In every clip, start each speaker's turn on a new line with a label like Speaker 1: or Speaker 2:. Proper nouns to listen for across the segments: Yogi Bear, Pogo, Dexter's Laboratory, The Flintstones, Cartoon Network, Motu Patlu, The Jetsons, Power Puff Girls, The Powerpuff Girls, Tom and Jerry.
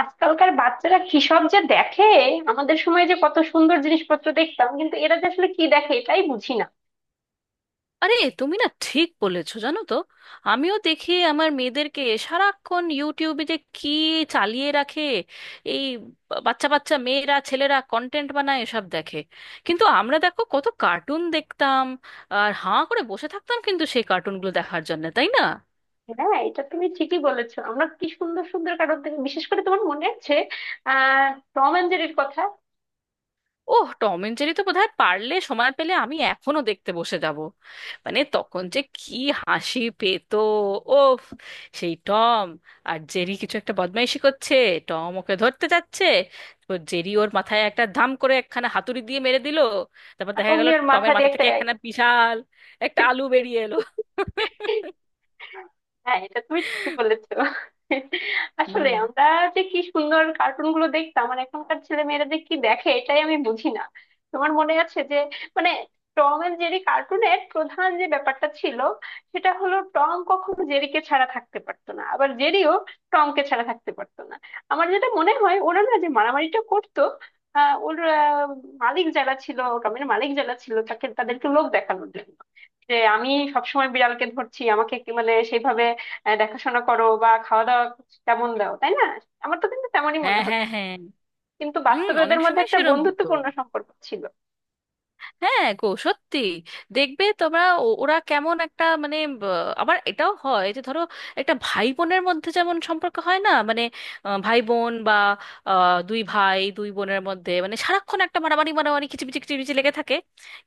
Speaker 1: আজকালকার বাচ্চারা কি সব যে দেখে! আমাদের সময় যে কত সুন্দর জিনিসপত্র দেখতাম, কিন্তু এরা যে আসলে কি দেখে এটাই বুঝি না।
Speaker 2: আরে তুমি না ঠিক বলেছো, জানো তো? আমিও দেখি আমার মেয়েদেরকে সারাক্ষণ ইউটিউবে যে কি চালিয়ে রাখে। এই বাচ্চা বাচ্চা মেয়েরা, ছেলেরা কন্টেন্ট বানায়, এসব দেখে। কিন্তু আমরা দেখো কত কার্টুন দেখতাম, আর হাঁ করে বসে থাকতাম কিন্তু সেই কার্টুনগুলো দেখার জন্য, তাই না?
Speaker 1: হ্যাঁ, এটা তুমি ঠিকই বলেছো। আমরা কি সুন্দর সুন্দর কারণ থেকে, বিশেষ করে তোমার মনে আছে আহ টম এন্ড জেরির কথা?
Speaker 2: ওহ, টম এন্ড জেরি তো বোধহয় পারলে, সময় পেলে আমি এখনো দেখতে বসে যাব। মানে তখন যে কি হাসি পেতো, ওফ! সেই টম আর জেরি কিছু একটা বদমাইশি করছে, টম ওকে ধরতে যাচ্ছে, তো জেরি ওর মাথায় একটা ধাম করে একখানা হাতুড়ি দিয়ে মেরে দিল। তারপর
Speaker 1: আর
Speaker 2: দেখা গেল
Speaker 1: অমনি ওর মাথা
Speaker 2: টমের
Speaker 1: দিয়ে
Speaker 2: মাথা
Speaker 1: একটা।
Speaker 2: থেকে একখানা বিশাল একটা আলু বেরিয়ে এলো।
Speaker 1: হ্যাঁ, এটা তুমি ঠিকই বলেছো। আসলে
Speaker 2: হুম।
Speaker 1: আমরা যে কি সুন্দর কার্টুন গুলো দেখতাম, আর এখনকার ছেলে মেয়েরা যে কি দেখে এটাই আমি বুঝি না। তোমার মনে আছে যে, মানে, টম এন্ড জেরি কার্টুনের প্রধান যে ব্যাপারটা ছিল সেটা হলো, টম কখনো জেরিকে ছাড়া থাকতে পারতো না, আবার জেরিও টমকে ছাড়া থাকতে পারতো না। আমার যেটা মনে হয়, ওরা না যে মারামারিটা করতো আহ ওর আহ, মালিক যারা ছিল, টমের মালিক যারা ছিল তাকে, তাদেরকে লোক দেখানোর জন্য যে আমি সবসময় বিড়ালকে ধরছি, আমাকে কি মানে সেইভাবে দেখাশোনা করো বা খাওয়া দাওয়া তেমন দাও, তাই না? আমার তো কিন্তু তেমনই মনে
Speaker 2: হ্যাঁ
Speaker 1: হতো।
Speaker 2: হ্যাঁ হ্যাঁ।
Speaker 1: কিন্তু
Speaker 2: হুম,
Speaker 1: বাস্তবে
Speaker 2: অনেক
Speaker 1: ওদের মধ্যে
Speaker 2: সময়
Speaker 1: একটা
Speaker 2: সেরম।
Speaker 1: বন্ধুত্বপূর্ণ সম্পর্ক ছিল।
Speaker 2: হ্যাঁ গো, সত্যি। দেখবে তোমরা ওরা কেমন একটা মানে আবার এটাও হয় যে ধরো, একটা ভাই বোনের মধ্যে যেমন সম্পর্ক হয় না মানে, ভাই বোন বা দুই ভাই দুই বোনের মধ্যে মানে সারাক্ষণ একটা মারামারি মারামারি কিচিমিচি কিচিমিচি লেগে থাকে,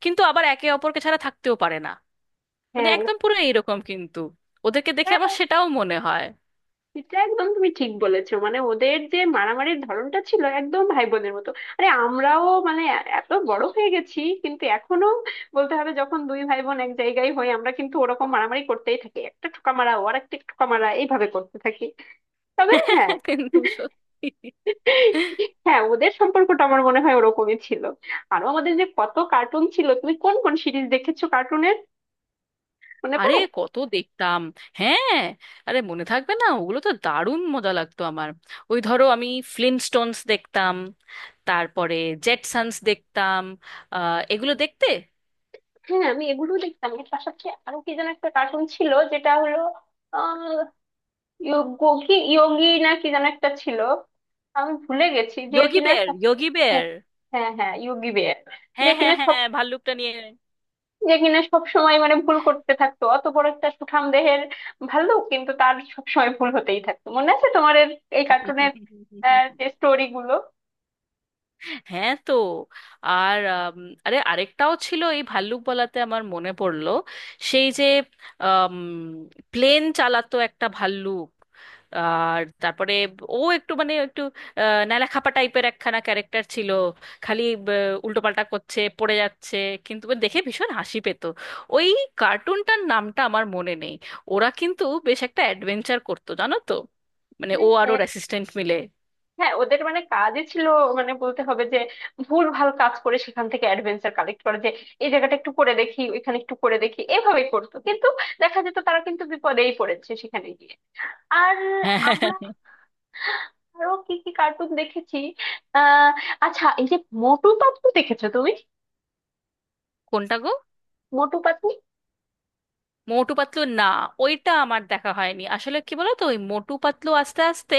Speaker 2: কিন্তু আবার একে অপরকে ছাড়া থাকতেও পারে না। মানে
Speaker 1: হ্যাঁ,
Speaker 2: একদম পুরো এইরকম কিন্তু, ওদেরকে দেখে
Speaker 1: হ্যাঁ,
Speaker 2: আমার সেটাও মনে হয়।
Speaker 1: এটা একদম তুমি ঠিক বলেছো। মানে ওদের যে মারামারির ধরনটা ছিল একদম ভাই বোনের মতো। আরে, আমরাও মানে এত বড় হয়ে গেছি, কিন্তু এখনো বলতে হবে, যখন দুই ভাই বোন এক জায়গায় হই আমরা কিন্তু ওরকম মারামারি করতেই থাকি, একটা ঠোকা মারা ও আর একটা ঠোকা মারা, এইভাবে করতে থাকি। তবে হ্যাঁ,
Speaker 2: কিন্তু সত্যি।
Speaker 1: হ্যাঁ, ওদের সম্পর্কটা আমার মনে হয় ওরকমই ছিল। আরো আমাদের যে কত কার্টুন ছিল, তুমি কোন কোন সিরিজ দেখেছো কার্টুনের মনে
Speaker 2: আরে
Speaker 1: পড়ে?
Speaker 2: কত দেখতাম! হ্যাঁ, আরে মনে থাকবে না? ওগুলো তো দারুণ মজা লাগতো আমার। ওই ধরো আমি ফ্লিনস্টোনস দেখতাম, তারপরে জেটসন্স দেখতাম। আহ, এগুলো দেখতে।
Speaker 1: হ্যাঁ, আমি এগুলো দেখতাম। এর পাশাপাশি আরো কি যেন একটা কার্টুন ছিল, যেটা হলো আহ ইয়োগি, ইয়োগি না কি যেন একটা ছিল, আমি ভুলে গেছি যে
Speaker 2: যোগী
Speaker 1: কিনা
Speaker 2: বেয়ার,
Speaker 1: সব-।
Speaker 2: যোগী
Speaker 1: হ্যাঁ,
Speaker 2: বেয়ার।
Speaker 1: হ্যাঁ, হ্যাঁ, ইয়োগি বেয়ার। যে
Speaker 2: হ্যাঁ হ্যাঁ
Speaker 1: কিনা
Speaker 2: হ্যাঁ, ভাল্লুকটা নিয়ে।
Speaker 1: যে কিনা সবসময় মানে ভুল করতে থাকতো, অত বড় একটা সুঠাম দেহের ভাল্লুক, কিন্তু তার সবসময় ভুল হতেই থাকতো। মনে আছে তোমার এই কার্টুনের যে স্টোরি গুলো?
Speaker 2: হ্যাঁ, তো আর আরে আরেকটাও ছিল, এই ভাল্লুক বলাতে আমার মনে পড়লো। সেই যে প্লেন চালাতো একটা ভাল্লুক, আর তারপরে ও একটু মানে একটু ন্যাড়াখাপা টাইপের একখানা ক্যারেক্টার ছিল। খালি উল্টোপাল্টা করছে, পড়ে যাচ্ছে, কিন্তু ওর দেখে ভীষণ হাসি পেত। ওই কার্টুনটার নামটা আমার মনে নেই। ওরা কিন্তু বেশ একটা অ্যাডভেঞ্চার করতো, জানো তো? মানে ও
Speaker 1: হ্যাঁ,
Speaker 2: আর
Speaker 1: হ্যাঁ,
Speaker 2: ওর অ্যাসিস্ট্যান্ট মিলে।
Speaker 1: হ্যাঁ, ওদের মানে কাজই ছিল মানে বলতে হবে যে, ভুল ভাল কাজ করে সেখান থেকে অ্যাডভেঞ্চার কালেক্ট করে, যে এই জায়গাটা একটু করে দেখি, ওইখানে একটু করে দেখি, এভাবেই করতো, কিন্তু দেখা যেত তারা কিন্তু বিপদেই পড়েছে সেখানে গিয়ে। আর
Speaker 2: হ্যাঁ হ্যাঁ, হ্যাঁ,
Speaker 1: আমরা
Speaker 2: হ্যাঁ।
Speaker 1: আরো কি কি কার্টুন দেখেছি? আহ আচ্ছা, এই যে মোটু পাতলু দেখেছো তুমি?
Speaker 2: কোনটা গো?
Speaker 1: মোটু পাতলু।
Speaker 2: মোটু পাতলু না? ওইটা আমার দেখা হয়নি। আসলে কি বলতো, ওই মোটু পাতলু আস্তে আস্তে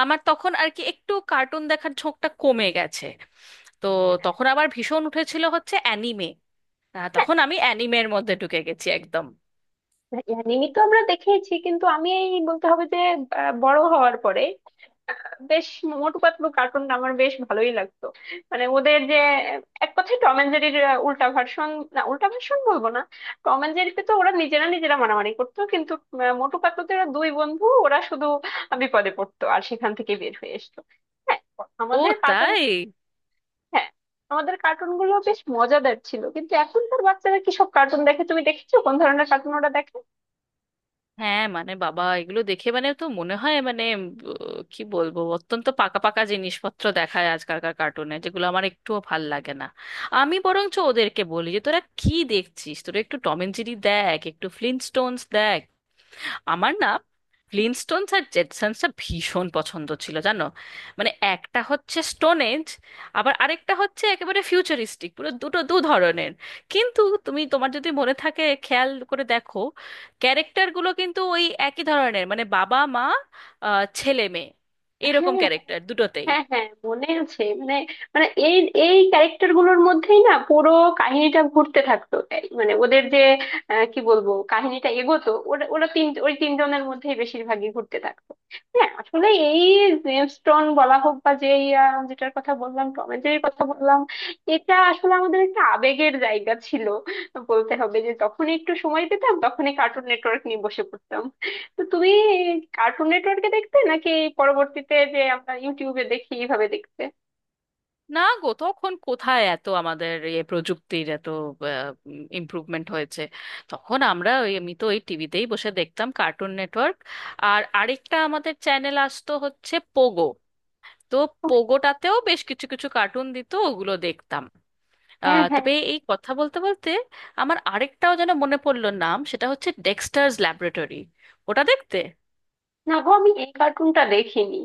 Speaker 2: আমার তখন আর কি একটু কার্টুন দেখার ঝোঁকটা কমে গেছে। তো তখন আবার ভীষণ উঠেছিল হচ্ছে অ্যানিমে, তখন আমি অ্যানিমের মধ্যে ঢুকে গেছি একদম।
Speaker 1: অ্যানিমি তো আমরা দেখেইছি, কিন্তু আমি এই বলতে হবে যে বড় হওয়ার পরে বেশ মোটু পাতলু কার্টুন আমার বেশ ভালোই লাগতো। মানে ওদের যে এক কথায় টম এন্ড জেরির উল্টা ভার্সন, না উল্টা ভার্সন বলবো না, টম এন্ড জেরিতে তো ওরা নিজেরা নিজেরা মারামারি করতো, কিন্তু মোটু পাতলুতে ওরা দুই বন্ধু, ওরা শুধু বিপদে পড়তো আর সেখান থেকে বের হয়ে আসতো। হ্যাঁ,
Speaker 2: ও
Speaker 1: আমাদের কার্টুন।
Speaker 2: তাই?
Speaker 1: হ্যাঁ, আমাদের কার্টুন গুলো বেশ মজাদার ছিল, কিন্তু এখনকার বাচ্চারা কি সব কার্টুন দেখে তুমি দেখেছো, কোন ধরনের কার্টুন ওরা দেখে?
Speaker 2: হ্যাঁ মানে বাবা, এগুলো দেখে মানে তো মনে হয় মানে কি বলবো, অত্যন্ত পাকা পাকা জিনিসপত্র দেখায় আজকালকার কার্টুনে, যেগুলো আমার একটুও ভাল লাগে না। আমি বরঞ্চ ওদেরকে বলি যে তোরা কি দেখছিস, তোরা একটু টম অ্যান্ড জেরি দেখ, একটু ফ্লিনস্টোনস দেখ। আমার না ফ্লিনস্টোনস আর জেটসন্সটা ভীষণ পছন্দ ছিল, জানো? মানে একটা হচ্ছে স্টোনেজ, আবার আরেকটা হচ্ছে একেবারে ফিউচারিস্টিক, পুরো দুটো দু ধরনের। কিন্তু তুমি, তোমার যদি মনে থাকে খেয়াল করে দেখো, ক্যারেক্টারগুলো কিন্তু ওই একই ধরনের। মানে বাবা মা, ছেলে মেয়ে, এরকম
Speaker 1: হ্যাঁ,
Speaker 2: ক্যারেক্টার দুটোতেই।
Speaker 1: হ্যাঁ, হ্যাঁ, মনে আছে। মানে, মানে এই, এই ক্যারেক্টার গুলোর মধ্যেই না পুরো কাহিনীটা ঘুরতে থাকতো, এই মানে ওদের যে কি বলবো, কাহিনীটা এগোতো ওরা ওরা তিন, ওই তিনজনের মধ্যেই বেশিরভাগই ঘুরতে থাকতো। হ্যাঁ, আসলে এই জেমস টন বলা হোক বা যে, যেটার কথা বললাম, টম এন্ড জেরির কথা বললাম, এটা আসলে আমাদের একটা আবেগের জায়গা ছিল। বলতে হবে যে, যখন একটু সময় পেতাম তখনই কার্টুন নেটওয়ার্ক নিয়ে বসে পড়তাম। তো তুমি কার্টুন নেটওয়ার্কে দেখতে নাকি পরবর্তীতে যে আমরা ইউটিউবে দেখি, এইভাবে দেখতে?
Speaker 2: না গো, তখন কোথায় এত আমাদের এ প্রযুক্তির এত ইমপ্রুভমেন্ট হয়েছে! তখন আমরা ওই, আমি তো ওই টিভিতেই বসে দেখতাম কার্টুন নেটওয়ার্ক। আর আরেকটা আমাদের চ্যানেল আসতো হচ্ছে পোগো। তো
Speaker 1: ও,
Speaker 2: পোগোটাতেও বেশ কিছু কিছু কার্টুন দিত, ওগুলো দেখতাম।
Speaker 1: হ্যাঁ, হ্যাঁ।
Speaker 2: তবে এই কথা বলতে বলতে আমার আরেকটাও যেন মনে পড়লো নাম, সেটা হচ্ছে ডেক্সটার্স ল্যাবরেটরি। ওটা দেখতে?
Speaker 1: না গো, আমি এই কার্টুনটা দেখিনি।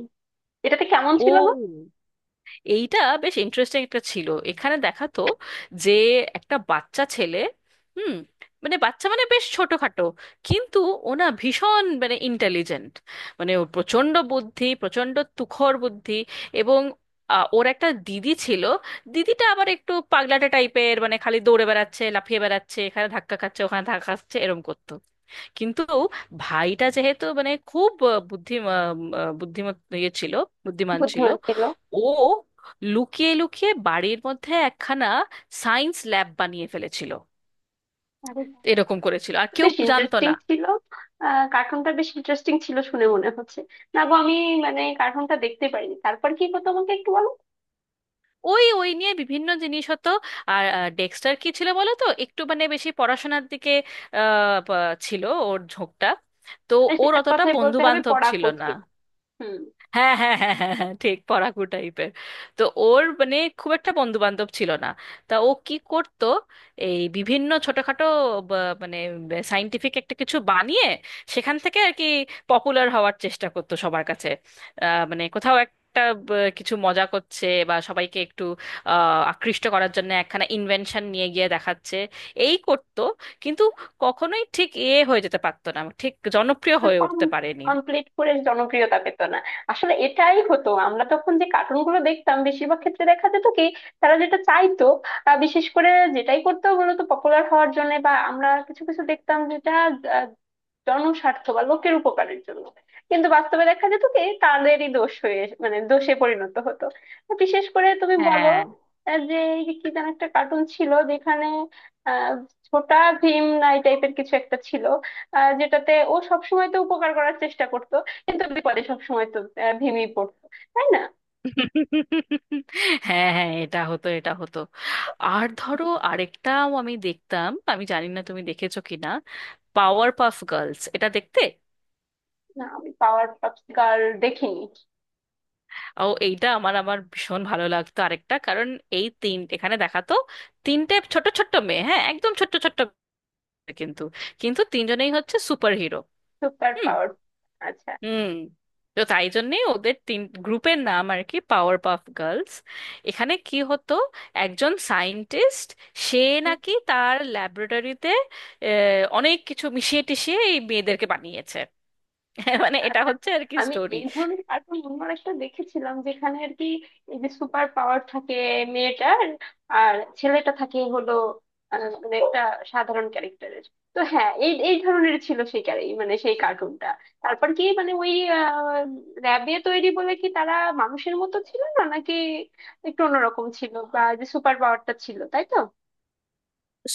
Speaker 1: এটাতে কেমন
Speaker 2: ও,
Speaker 1: ছিল গো?
Speaker 2: এইটা বেশ ইন্টারেস্টিং একটা ছিল। এখানে দেখাতো যে একটা বাচ্চা ছেলে, হুম, মানে বাচ্চা মানে বেশ ছোটখাটো, কিন্তু ওনা ভীষণ মানে ইন্টেলিজেন্ট। মানে ওর প্রচণ্ড বুদ্ধি, প্রচণ্ড তুখর বুদ্ধি। এবং ওর একটা দিদি ছিল। দিদিটা আবার একটু পাগলাটে টাইপের, মানে খালি দৌড়ে বেড়াচ্ছে, লাফিয়ে বেড়াচ্ছে, এখানে ধাক্কা খাচ্ছে, ওখানে ধাক্কা খাচ্ছে, এরম করতো। কিন্তু ভাইটা যেহেতু মানে খুব আহ, বুদ্ধি আহ, আহ, বুদ্ধিমত ইয়ে ছিল, বুদ্ধিমান ছিল,
Speaker 1: বুদ্ধিমান ছিল।
Speaker 2: ও লুকিয়ে লুকিয়ে বাড়ির মধ্যে একখানা সায়েন্স ল্যাব বানিয়ে ফেলেছিল।
Speaker 1: আরে বাহ।
Speaker 2: এরকম করেছিল, আর
Speaker 1: তো
Speaker 2: কেউ
Speaker 1: বেশ
Speaker 2: জানতো
Speaker 1: ইন্টারেস্টিং
Speaker 2: না।
Speaker 1: ছিল। কার্টুনটা বেশ ইন্টারেস্টিং ছিল শুনে মনে হচ্ছে। না গো, আমি মানে কার্টুনটা দেখতে পারিনি, তারপর কি গো তোমাকে একটু বলো।
Speaker 2: ওই ওই নিয়ে বিভিন্ন জিনিস হতো। আর ডেক্সটার কি ছিল বলো তো, একটু মানে বেশি পড়াশোনার দিকে ছিল ওর ঝোঁকটা। তো
Speaker 1: মানে
Speaker 2: ওর
Speaker 1: এক
Speaker 2: অতটা
Speaker 1: কথায়
Speaker 2: বন্ধু
Speaker 1: বলতে হবে
Speaker 2: বান্ধব ছিল
Speaker 1: পড়াকো
Speaker 2: না।
Speaker 1: ছিল। হুম।
Speaker 2: হ্যাঁ হ্যাঁ হ্যাঁ হ্যাঁ হ্যাঁ, ঠিক পড়াকু টাইপের। তো ওর মানে খুব একটা বন্ধু বান্ধব ছিল না। তা ও কি করত? এই বিভিন্ন ছোটখাটো মানে সাইন্টিফিক একটা কিছু বানিয়ে সেখান থেকে আর কি পপুলার হওয়ার চেষ্টা করতো সবার কাছে। মানে কোথাও একটা কিছু মজা করছে, বা সবাইকে একটু আকৃষ্ট করার জন্য একখানা ইনভেনশন নিয়ে গিয়ে দেখাচ্ছে, এই করতো। কিন্তু কখনোই ঠিক এ হয়ে যেতে পারতো না, ঠিক জনপ্রিয় হয়ে উঠতে পারেনি।
Speaker 1: কমপ্লিট করে জনপ্রিয়তা পেত না। আসলে এটাই হতো, আমরা তখন যে কার্টুন গুলো দেখতাম বেশিরভাগ ক্ষেত্রে দেখা যেত কি, তারা যেটা চাইতো বিশেষ করে যেটাই করতো মূলত পপুলার হওয়ার জন্য, বা আমরা কিছু কিছু দেখতাম যেটা আহ, জনস্বার্থ বা লোকের উপকারের জন্য, কিন্তু বাস্তবে দেখা যেত কি, তাদেরই দোষ হয়ে মানে দোষে পরিণত হতো। তো বিশেষ করে তুমি বলো
Speaker 2: হ্যাঁ
Speaker 1: যে এই যে কি যেন একটা কার্টুন ছিল যেখানে আহ ছোটা ভীম না এই টাইপের কিছু একটা ছিল, যেটাতে ও সবসময় তো উপকার করার চেষ্টা করতো, কিন্তু বিপদে সবসময় তো ভেঙেই পড়তো, তাই না?
Speaker 2: হ্যাঁ হ্যাঁ, এটা হতো, এটা হতো। আর ধরো আরেকটাও আমি দেখতাম, আমি জানি না তুমি দেখেছো কিনা, পাওয়ার পাফ গার্লস, এটা দেখতে?
Speaker 1: না, আমি পাওয়ার পাপস গার্ল দেখিনি।
Speaker 2: ও, এইটা আমার আমার ভীষণ ভালো লাগতো আরেকটা কারণ। এই তিন, এখানে দেখাতো তিনটে ছোট ছোট্ট মেয়ে, হ্যাঁ একদম ছোট্ট ছোট্ট মেয়ে, কিন্তু, কিন্তু তিনজনেই হচ্ছে সুপার হিরো।
Speaker 1: Super power. আচ্ছা।
Speaker 2: হুম। তো তাই জন্যেই ওদের তিন গ্রুপের নাম আর কি পাওয়ার পাফ গার্লস। এখানে কি হতো, একজন সায়েন্টিস্ট, সে নাকি তার ল্যাবরেটরিতে অনেক কিছু মিশিয়ে টিশিয়ে এই মেয়েদেরকে বানিয়েছে। মানে
Speaker 1: আচ্ছা
Speaker 2: এটা
Speaker 1: আচ্ছা
Speaker 2: হচ্ছে আর কি
Speaker 1: আমি
Speaker 2: স্টোরি।
Speaker 1: এই ধরনের কার্টুন অন্য একটা দেখেছিলাম যেখানে আর কি এই যে সুপার পাওয়ার থাকে মেয়েটার, আর ছেলেটা থাকে হলো মানে একটা সাধারণ ক্যারেক্টারের। তো হ্যাঁ, এই এই ধরনের ছিল সেই মানে সেই কার্টুনটা। তারপর কি মানে ওই র্যাবে তৈরি বলে কি তারা মানুষের মতো ছিল না নাকি একটু অন্যরকম ছিল, বা যে সুপার পাওয়ারটা ছিল তাই তো।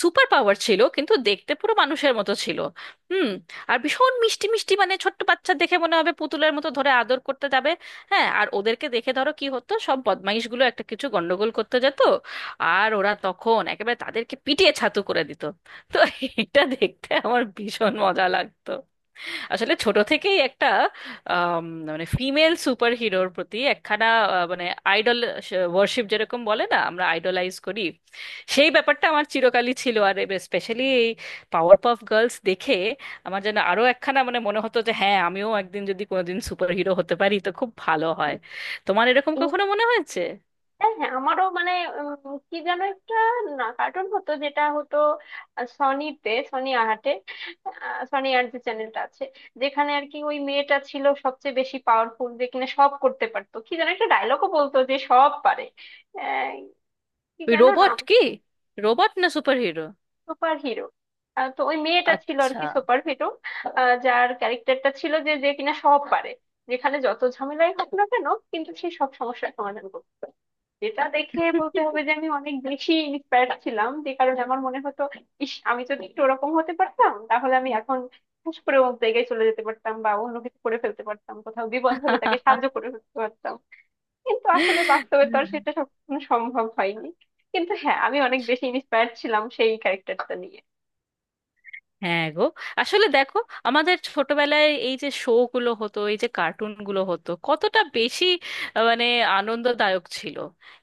Speaker 2: সুপার পাওয়ার ছিল, কিন্তু দেখতে পুরো মানুষের মতো ছিল। হুম। আর ভীষণ মিষ্টি মিষ্টি, মানে ছোট্ট বাচ্চা দেখে মনে হবে পুতুলের মতো ধরে আদর করতে যাবে। হ্যাঁ, আর ওদেরকে দেখে ধরো কি হতো, সব বদমাইশগুলো একটা কিছু গন্ডগোল করতে যেত, আর ওরা তখন একেবারে তাদেরকে পিটিয়ে ছাতু করে দিত। তো এটা দেখতে আমার ভীষণ মজা লাগতো। আসলে ছোট থেকেই একটা আম, মানে ফিমেল সুপার হিরোর প্রতি একখানা মানে আইডল ওয়ার্শিপ, যেরকম বলে না আমরা আইডলাইজ করি, সেই ব্যাপারটা আমার চিরকালই ছিল। আর স্পেশালি এই পাওয়ার পাফ গার্লস দেখে আমার যেন আরো একখানা মানে মনে হতো যে হ্যাঁ, আমিও একদিন যদি কোনোদিন সুপার হিরো হতে পারি তো খুব ভালো হয়। তোমার এরকম কখনো মনে হয়েছে?
Speaker 1: হ্যাঁ, হ্যাঁ, আমারও মানে কি যেন একটা না কার্টুন হতো, যেটা হতো সনিতে, সনি আর যে চ্যানেলটা আছে, যেখানে আর কি ওই মেয়েটা ছিল সবচেয়ে বেশি পাওয়ারফুল, যে কিনা সব করতে পারতো, কি যেন একটা ডায়লগও বলতো যে সব পারে। আহ, কি
Speaker 2: ওই
Speaker 1: যেন
Speaker 2: রোবট
Speaker 1: নাম।
Speaker 2: কি, রোবট না সুপার হিরো?
Speaker 1: Super hero. তো ওই মেয়েটা ছিল আর
Speaker 2: আচ্ছা।
Speaker 1: কি সুপার হিরো, যার ক্যারেক্টারটা ছিল যে, যে কিনা সব পারে, যেখানে যত ঝামেলাই হোক না কেন কিন্তু সে সব সমস্যার সমাধান করতো। যেটা দেখে বলতে হবে যে আমি অনেক বেশি ইন্সপায়ার্ড ছিলাম, যে কারণে আমার মনে হতো, ইস আমি যদি একটু ওরকম হতে পারতাম, তাহলে আমি এখন হুশ করে অন্য জায়গায় চলে যেতে পারতাম, বা অন্য কিছু করে ফেলতে পারতাম, কোথাও বিপদ হলে তাকে সাহায্য করে ফেলতে পারতাম। কিন্তু আসলে বাস্তবে তো আর সেটা সবসময় সম্ভব হয়নি। কিন্তু হ্যাঁ, আমি অনেক বেশি ইন্সপায়ার্ড ছিলাম সেই ক্যারেক্টারটা নিয়ে।
Speaker 2: হ্যাঁ গো। আসলে দেখো, আমাদের ছোটবেলায় এই যে শো গুলো হতো, এই যে কার্টুন গুলো হতো, কতটা বেশি মানে আনন্দদায়ক ছিল।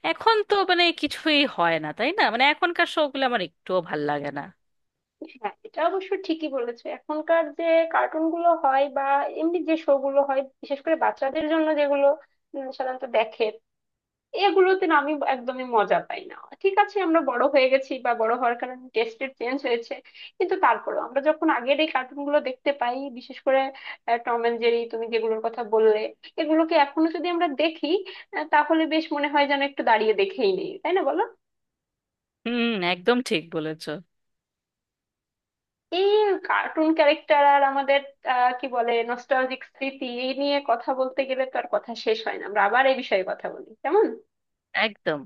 Speaker 2: এখন তো মানে কিছুই হয় না, তাই না? মানে এখনকার শো গুলো আমার একটুও ভাল লাগে না।
Speaker 1: হ্যাঁ, এটা অবশ্য ঠিকই বলেছো। এখনকার যে কার্টুন গুলো হয় বা এমনি যে শো গুলো হয়, বিশেষ করে বাচ্চাদের জন্য যেগুলো সাধারণত দেখে, এগুলোতে না আমি একদমই মজা পাই না। ঠিক আছে, আমরা বড় হয়ে গেছি বা বড় হওয়ার কারণে টেস্টের চেঞ্জ হয়েছে, কিন্তু তারপরেও আমরা যখন আগের এই কার্টুন গুলো দেখতে পাই, বিশেষ করে টম এন্ড জেরি তুমি যেগুলোর কথা বললে, এগুলোকে এখনো যদি আমরা দেখি তাহলে বেশ মনে হয় যেন একটু দাঁড়িয়ে দেখেই নেই, তাই না বলো?
Speaker 2: হুম, একদম ঠিক বলেছো।
Speaker 1: এই কার্টুন ক্যারেক্টার আর আমাদের কি বলে নস্টালজিক স্মৃতি, এই নিয়ে কথা বলতে গেলে তো আর কথা শেষ হয় না, আমরা আবার এই বিষয়ে কথা বলি, কেমন?
Speaker 2: একদম।